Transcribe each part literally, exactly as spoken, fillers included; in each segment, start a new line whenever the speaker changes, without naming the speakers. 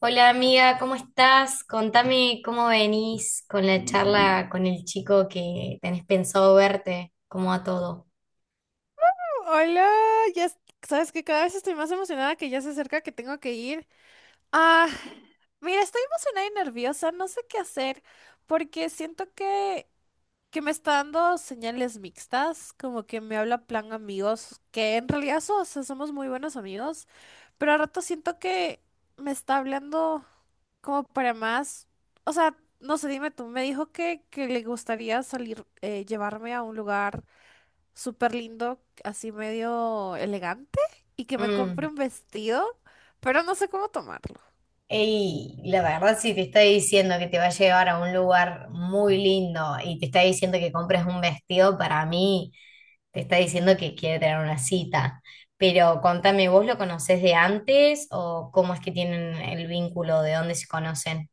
Hola amiga, ¿cómo estás? Contame cómo venís con la charla con el chico que tenés pensado verte, cómo a todo.
Hola, ya es- sabes que cada vez estoy más emocionada que ya se acerca que tengo que ir. Ah, mira, estoy emocionada y nerviosa, no sé qué hacer, porque siento que, que me está dando señales mixtas, como que me habla plan amigos, que en realidad so- o sea, somos muy buenos amigos, pero a rato siento que me está hablando como para más, o sea, no sé, dime tú, me dijo que, que le gustaría salir, eh, llevarme a un lugar súper lindo, así medio elegante, y que me compre
Mm.
un vestido, pero no sé cómo tomarlo.
Ey, la verdad si te está diciendo que te va a llevar a un lugar muy lindo y te está diciendo que compres un vestido, para mí te está diciendo que quiere tener una cita. Pero contame, ¿vos lo conocés de antes o cómo es que tienen el vínculo, de dónde se conocen?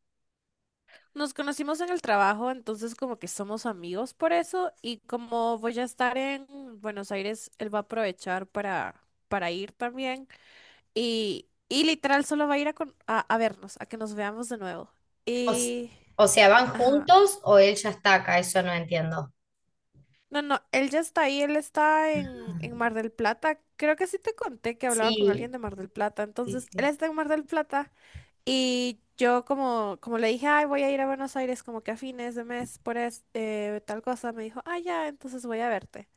Nos conocimos en el trabajo, entonces como que somos amigos por eso, y como voy a estar en Buenos Aires, él va a aprovechar para, para ir también, y, y literal solo va a ir a, con- a, a vernos, a que nos veamos de nuevo.
O, s-
Y...
o sea, ¿van
Ajá.
juntos o él ya está acá? Eso no entiendo.
No, no, él ya está ahí, él está en, en Mar del Plata. Creo que sí te conté que hablaba con alguien
Sí,
de Mar del Plata.
sí,
Entonces, él
sí.
está en Mar del Plata. Y yo como, como le dije, ay, voy a ir a Buenos Aires como que a fines de mes por es- eh, tal cosa, me dijo, ah, ya, entonces voy a verte.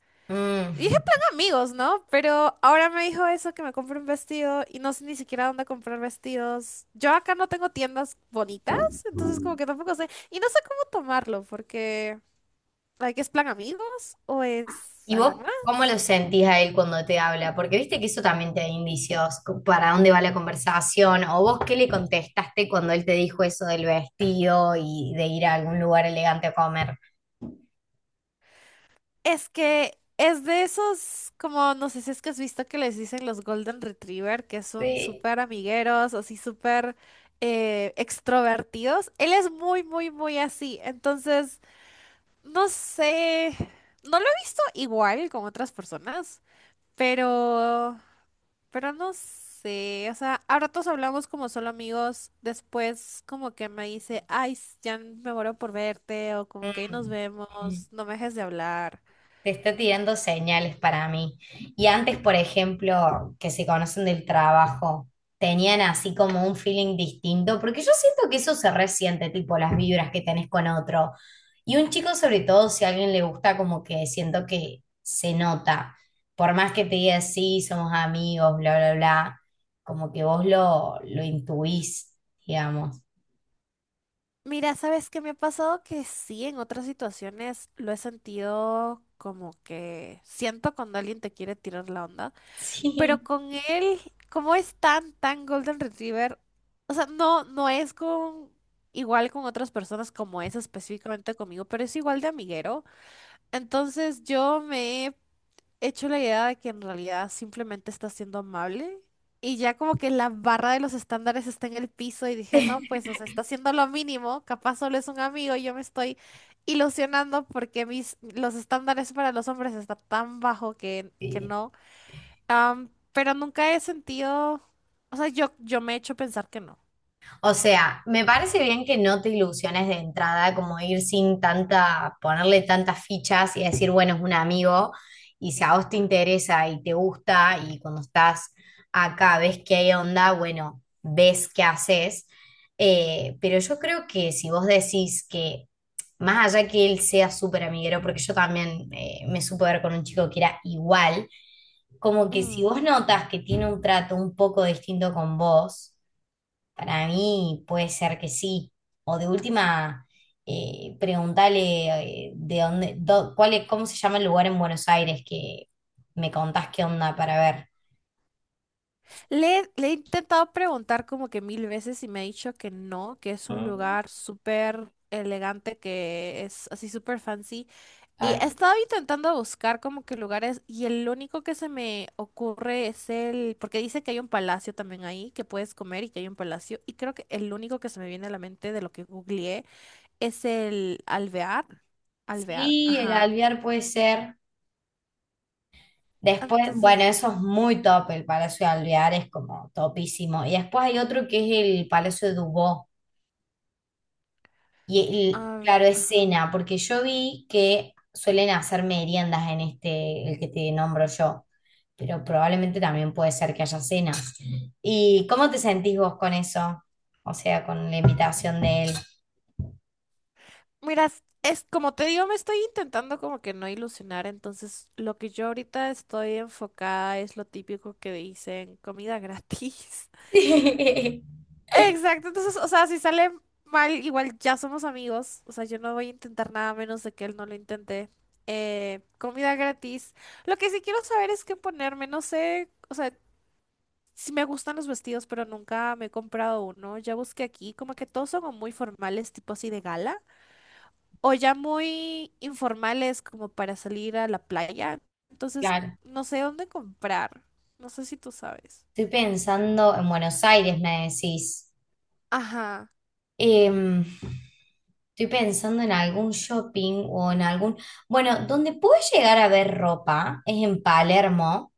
Y dije, plan
Mm.
amigos, ¿no? Pero ahora me dijo eso, que me compre un vestido y no sé ni siquiera dónde comprar vestidos. Yo acá no tengo tiendas bonitas, entonces como que tampoco sé. Y no sé cómo tomarlo, porque, like, ¿es plan amigos o es
¿Y vos
algo más?
cómo lo sentís a él cuando te habla? Porque viste que eso también te da indicios, co- para dónde va la conversación, o vos qué le contestaste cuando él te dijo eso del vestido y de ir a algún lugar elegante a comer.
Es que es de esos, como no sé si es que has visto que les dicen los Golden Retriever, que son
Sí.
súper amigueros, así súper eh, extrovertidos. Él es muy, muy, muy así. Entonces, no sé, no lo he visto igual con otras personas, pero, pero no sé. O sea, a ratos hablamos como solo amigos, después como que me dice, ay, ya me muero por verte, o como que ahí nos
Mm.
vemos, no me dejes de hablar.
Te está tirando señales para mí. Y antes, por ejemplo, que se conocen del trabajo, tenían así como un feeling distinto, porque yo siento que eso se resiente, tipo las vibras que tenés con otro. Y un chico, sobre todo, si a alguien le gusta, como que siento que se nota. Por más que te diga, sí, somos amigos, bla, bla, bla, como que vos lo, lo intuís, digamos.
Mira, ¿sabes qué me ha pasado? Que sí, en otras situaciones lo he sentido como que siento cuando alguien te quiere tirar la onda, pero con él, como es tan, tan Golden Retriever, o sea, no, no es con igual con otras personas como es específicamente conmigo, pero es igual de amiguero. Entonces yo me he hecho la idea de que en realidad simplemente está siendo amable y ya como que la barra de los estándares está en el piso y dije, no, pues, o sea, está haciendo lo mínimo, capaz solo es un amigo y yo me estoy ilusionando porque mis, los estándares para los hombres están tan bajo que, que
Sí.
no. Am, pero nunca he sentido, o sea, yo, yo me he hecho pensar que no.
O sea, me parece bien que no te ilusiones de entrada, como ir sin tanta, ponerle tantas fichas y decir, bueno, es un amigo, y si a vos te interesa y te gusta, y cuando estás acá ves que hay onda, bueno, ves qué haces. Eh, pero yo creo que si vos decís que, más allá que él sea súper amiguero, porque yo también eh, me supe ver con un chico que era igual, como que si vos notas que tiene un trato un poco distinto con vos, para mí puede ser que sí. O de última, eh, preguntale eh, de dónde, do- cuál es- cómo se llama el lugar en Buenos Aires que me contás qué onda para ver.
Le, le he intentado preguntar como que mil veces y me ha dicho que no, que es un
Mm,
lugar súper elegante, que es así súper fancy. Y he
ay,
estado intentando buscar como que lugares y el único que se me ocurre es el, porque dice que hay un palacio también ahí, que puedes comer y que hay un palacio. Y creo que el único que se me viene a la mente de lo que googleé es el Alvear. Alvear,
sí, el
ajá.
Alvear puede ser. Después,
Entonces,
bueno, eso es muy top, el Palacio de Alvear es como topísimo. Y después hay otro que es el Palacio de Dubó. Y, el-
ah,
claro, es
ajá.
cena, porque yo vi que suelen hacer meriendas en este, el que te nombro yo, pero probablemente también puede ser que haya cenas. ¿Y cómo te sentís vos con eso? O sea, con la invitación de él.
Mira, es como te digo, me estoy intentando como que no ilusionar, entonces lo que yo ahorita estoy enfocada es lo típico que dicen, comida gratis.
Sí,
Exacto, entonces, o sea, si sale mal, igual ya somos amigos, o sea, yo no voy a intentar nada menos de que él no lo intente. Eh, comida gratis. Lo que sí quiero saber es qué ponerme, no sé, o sea, si me gustan los vestidos, pero nunca me he comprado uno. Ya busqué aquí, como que todos son muy formales, tipo así de gala o ya muy informales como para salir a la playa. Entonces,
claro.
no sé dónde comprar. No sé si tú sabes.
Estoy pensando en Buenos Aires, me decís.
Ajá.
Em, Estoy pensando en algún shopping o en algún... Bueno, donde puedes llegar a ver ropa es en Palermo,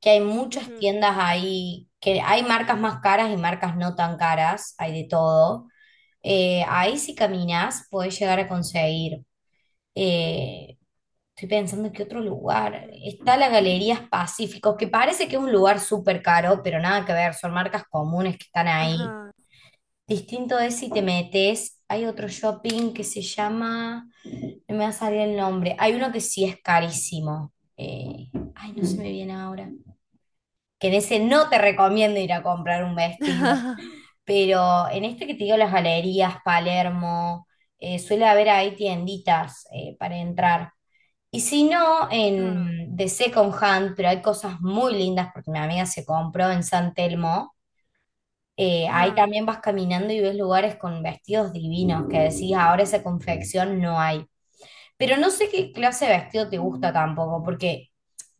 que hay muchas
Ujú,
tiendas ahí, que hay marcas más caras y marcas no tan caras, hay de todo. Eh, ahí si caminas podés llegar a conseguir. eh, Estoy pensando en qué otro lugar.
ujú.
Está la Galerías Pacíficos, que parece que es un lugar súper caro, pero nada que ver, son marcas comunes que están ahí.
Ajá.
Distinto es si te metes, hay otro shopping que se llama, no me va a salir el nombre, hay uno que sí es carísimo. Eh, ay, no se me viene ahora, que en ese no te recomiendo ir a comprar un vestido, pero en este que te digo, las galerías, Palermo, eh, suele haber ahí tienditas eh, para entrar. Y si no,
Ajá,
en de Second Hand, pero hay cosas muy lindas porque mi amiga se compró en San Telmo. Eh, ahí
ajá.
también vas caminando y ves lugares con vestidos divinos que decís, "Ah, ahora esa confección no hay". Pero no sé qué clase de vestido te gusta tampoco, porque,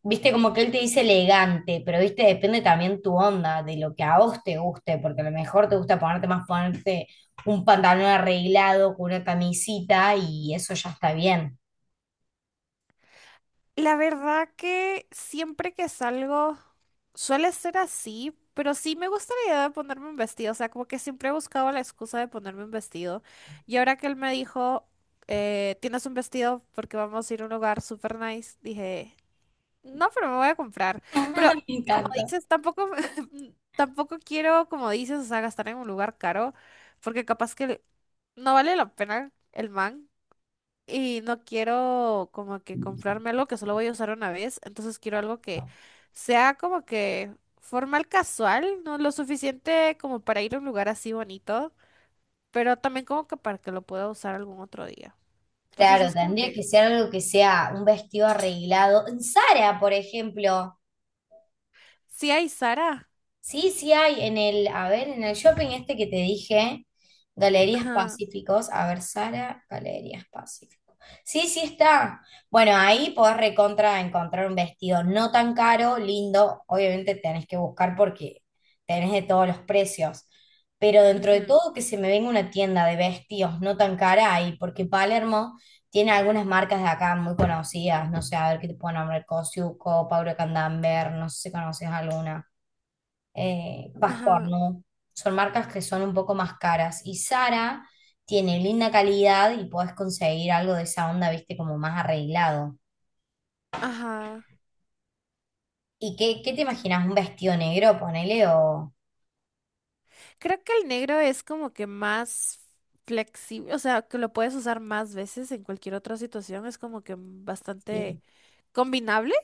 viste, como que él te dice elegante, pero, viste, depende también tu onda, de lo que a vos te guste, porque a lo mejor te gusta ponerte más ponerte un pantalón arreglado con una camisita y eso ya está bien.
La verdad que siempre que salgo suele ser así, pero sí me gusta la idea de ponerme un vestido. O sea, como que siempre he buscado la excusa de ponerme un vestido. Y ahora que él me dijo, eh, tienes un vestido porque vamos a ir a un lugar super nice, dije, no, pero me voy a comprar. Pero
Me
como
encanta.
dices, tampoco, tampoco quiero, como dices, o sea, gastar en un lugar caro, porque capaz que no vale la pena el man. Y no quiero como que comprarme algo que solo voy a usar una vez. Entonces quiero algo que sea como que formal casual, ¿no? Lo suficiente como para ir a un lugar así bonito, pero también como que para que lo pueda usar algún otro día. Entonces
Claro,
es como
tendría que
que,
ser algo que sea un vestido arreglado. En Zara, por ejemplo.
sí hay Sara.
Sí, sí hay en el, a ver, en el shopping este que te dije, Galerías
Ajá,
Pacíficos, a ver, Sara, Galerías Pacíficos. Sí, sí está. Bueno, ahí podés recontra encontrar un vestido no tan caro, lindo. Obviamente tenés que buscar porque tenés de todos los precios. Pero dentro de
ujú,
todo que se me venga una tienda de vestidos no tan cara ahí, porque Palermo tiene algunas marcas de acá muy conocidas. No sé, a ver qué te puedo nombrar, Cosiuco, Paula Candamber, no sé si conoces alguna, eh,
ajá,
Vascornu. Son marcas que son un poco más caras. Y Zara tiene linda calidad y podés conseguir algo de esa onda, viste, como más arreglado.
ajá.
¿Y qué, qué te imaginas? ¿Un vestido negro, ponele o...?
Creo que el negro es como que más flexible, o sea, que lo puedes usar más veces en cualquier otra situación, es como que bastante
Sí.
combinable.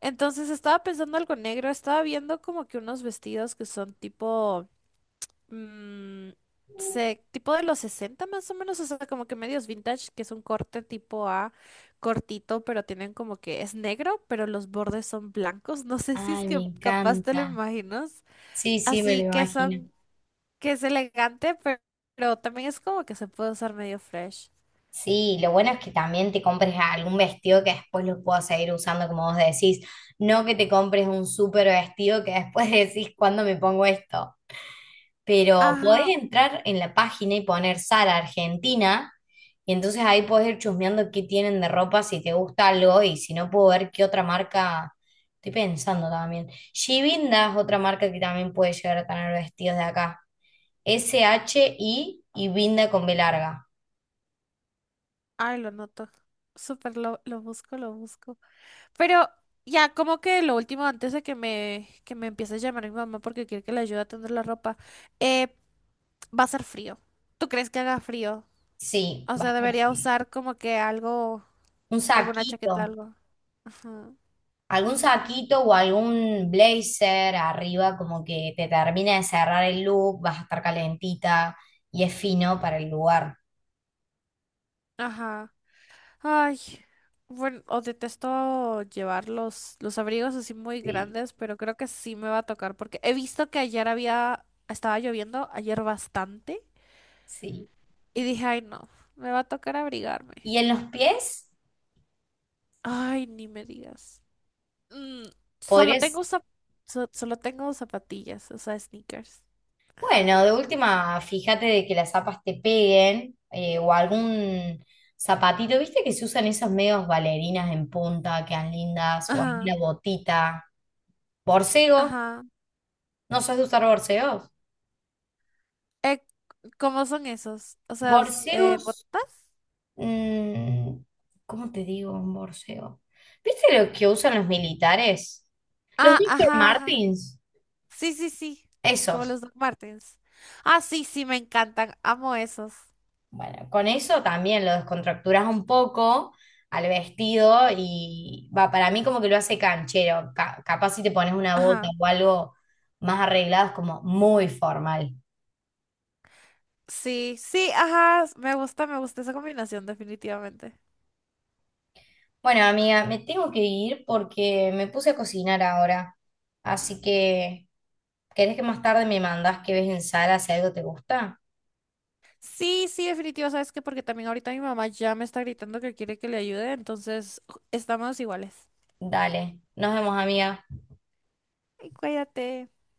Entonces estaba pensando algo negro, estaba viendo como que unos vestidos que son tipo, mm, se- tipo de los sesenta más o menos, o sea, como que medios vintage, que es un corte tipo A cortito, pero tienen como que es negro, pero los bordes son blancos. No sé si es
Ay, me
que capaz te lo
encanta.
imaginas.
Sí, sí, me lo
Así que
imagino.
son que es elegante, pero, pero también es como que se puede usar medio fresh.
Sí, lo bueno es que también te compres algún vestido que después lo puedas seguir usando como vos decís. No que te compres un súper vestido que después decís, ¿cuándo me pongo esto? Pero podés
Ajá,
entrar en la página y poner Zara Argentina, y entonces ahí podés ir chusmeando qué tienen de ropa, si te gusta algo, y si no puedo ver qué otra marca, estoy pensando también. Shivinda es otra marca que también puede llegar a tener vestidos de acá. S-H-I y Vinda con B larga.
ay, lo noto. Súper, lo, lo busco, lo busco. Pero ya, como que lo último, antes de que me, que me empiece a llamar mi mamá porque quiere que le ayude a tender la ropa, eh, va a ser frío. ¿Tú crees que haga frío?
Sí,
O sea, debería
bastante.
usar como que algo,
Un
alguna chaqueta,
saquito.
algo. Ajá.
Algún saquito o algún blazer arriba como que te termina de cerrar el look, vas a estar calentita y es fino para el lugar.
Ajá. Ay, bueno, o detesto llevar los, los abrigos así muy
Sí,
grandes, pero creo que sí me va a tocar porque he visto que ayer había, estaba lloviendo, ayer bastante,
sí.
y dije, ay no, me va a tocar abrigarme.
Y en los pies
Ay, ni me digas. Mm, solo
podrías,
tengo zap- so- solo tengo zapatillas, o sea, sneakers.
bueno, de última, fíjate de que las zapas te peguen, eh, o algún zapatito, ¿viste que se usan esos medios bailarinas en punta, quedan lindas, o alguna
Ajá,
botita? Borcego,
ajá.
¿no sos de usar borseos?
Eh, ¿cómo son esos? O sea, s- eh,
Borseos.
botas.
Mm, ¿cómo te digo un borseo? ¿Viste lo que usan los militares? Los
Ah,
doctor
ajá,
Martins,
sí, sí, sí. Como
esos.
los Doc Martens. Ah, sí, sí, me encantan. Amo esos.
Bueno, con eso también lo descontracturas un poco al vestido y va, para mí como que lo hace canchero. Ca- capaz si te pones una bota
Ajá.
o algo más arreglado es como muy formal.
Sí, sí, ajá. Me gusta, me gusta esa combinación, definitivamente.
Bueno, amiga, me tengo que ir porque me puse a cocinar ahora. Así que, ¿querés que más tarde me mandas que ves en sala si algo te gusta?
Sí, sí, definitivo. ¿Sabes qué? Porque también ahorita mi mamá ya me está gritando que quiere que le ayude, entonces ju- estamos iguales.
Dale, nos vemos, amiga.
Ay, cuídate.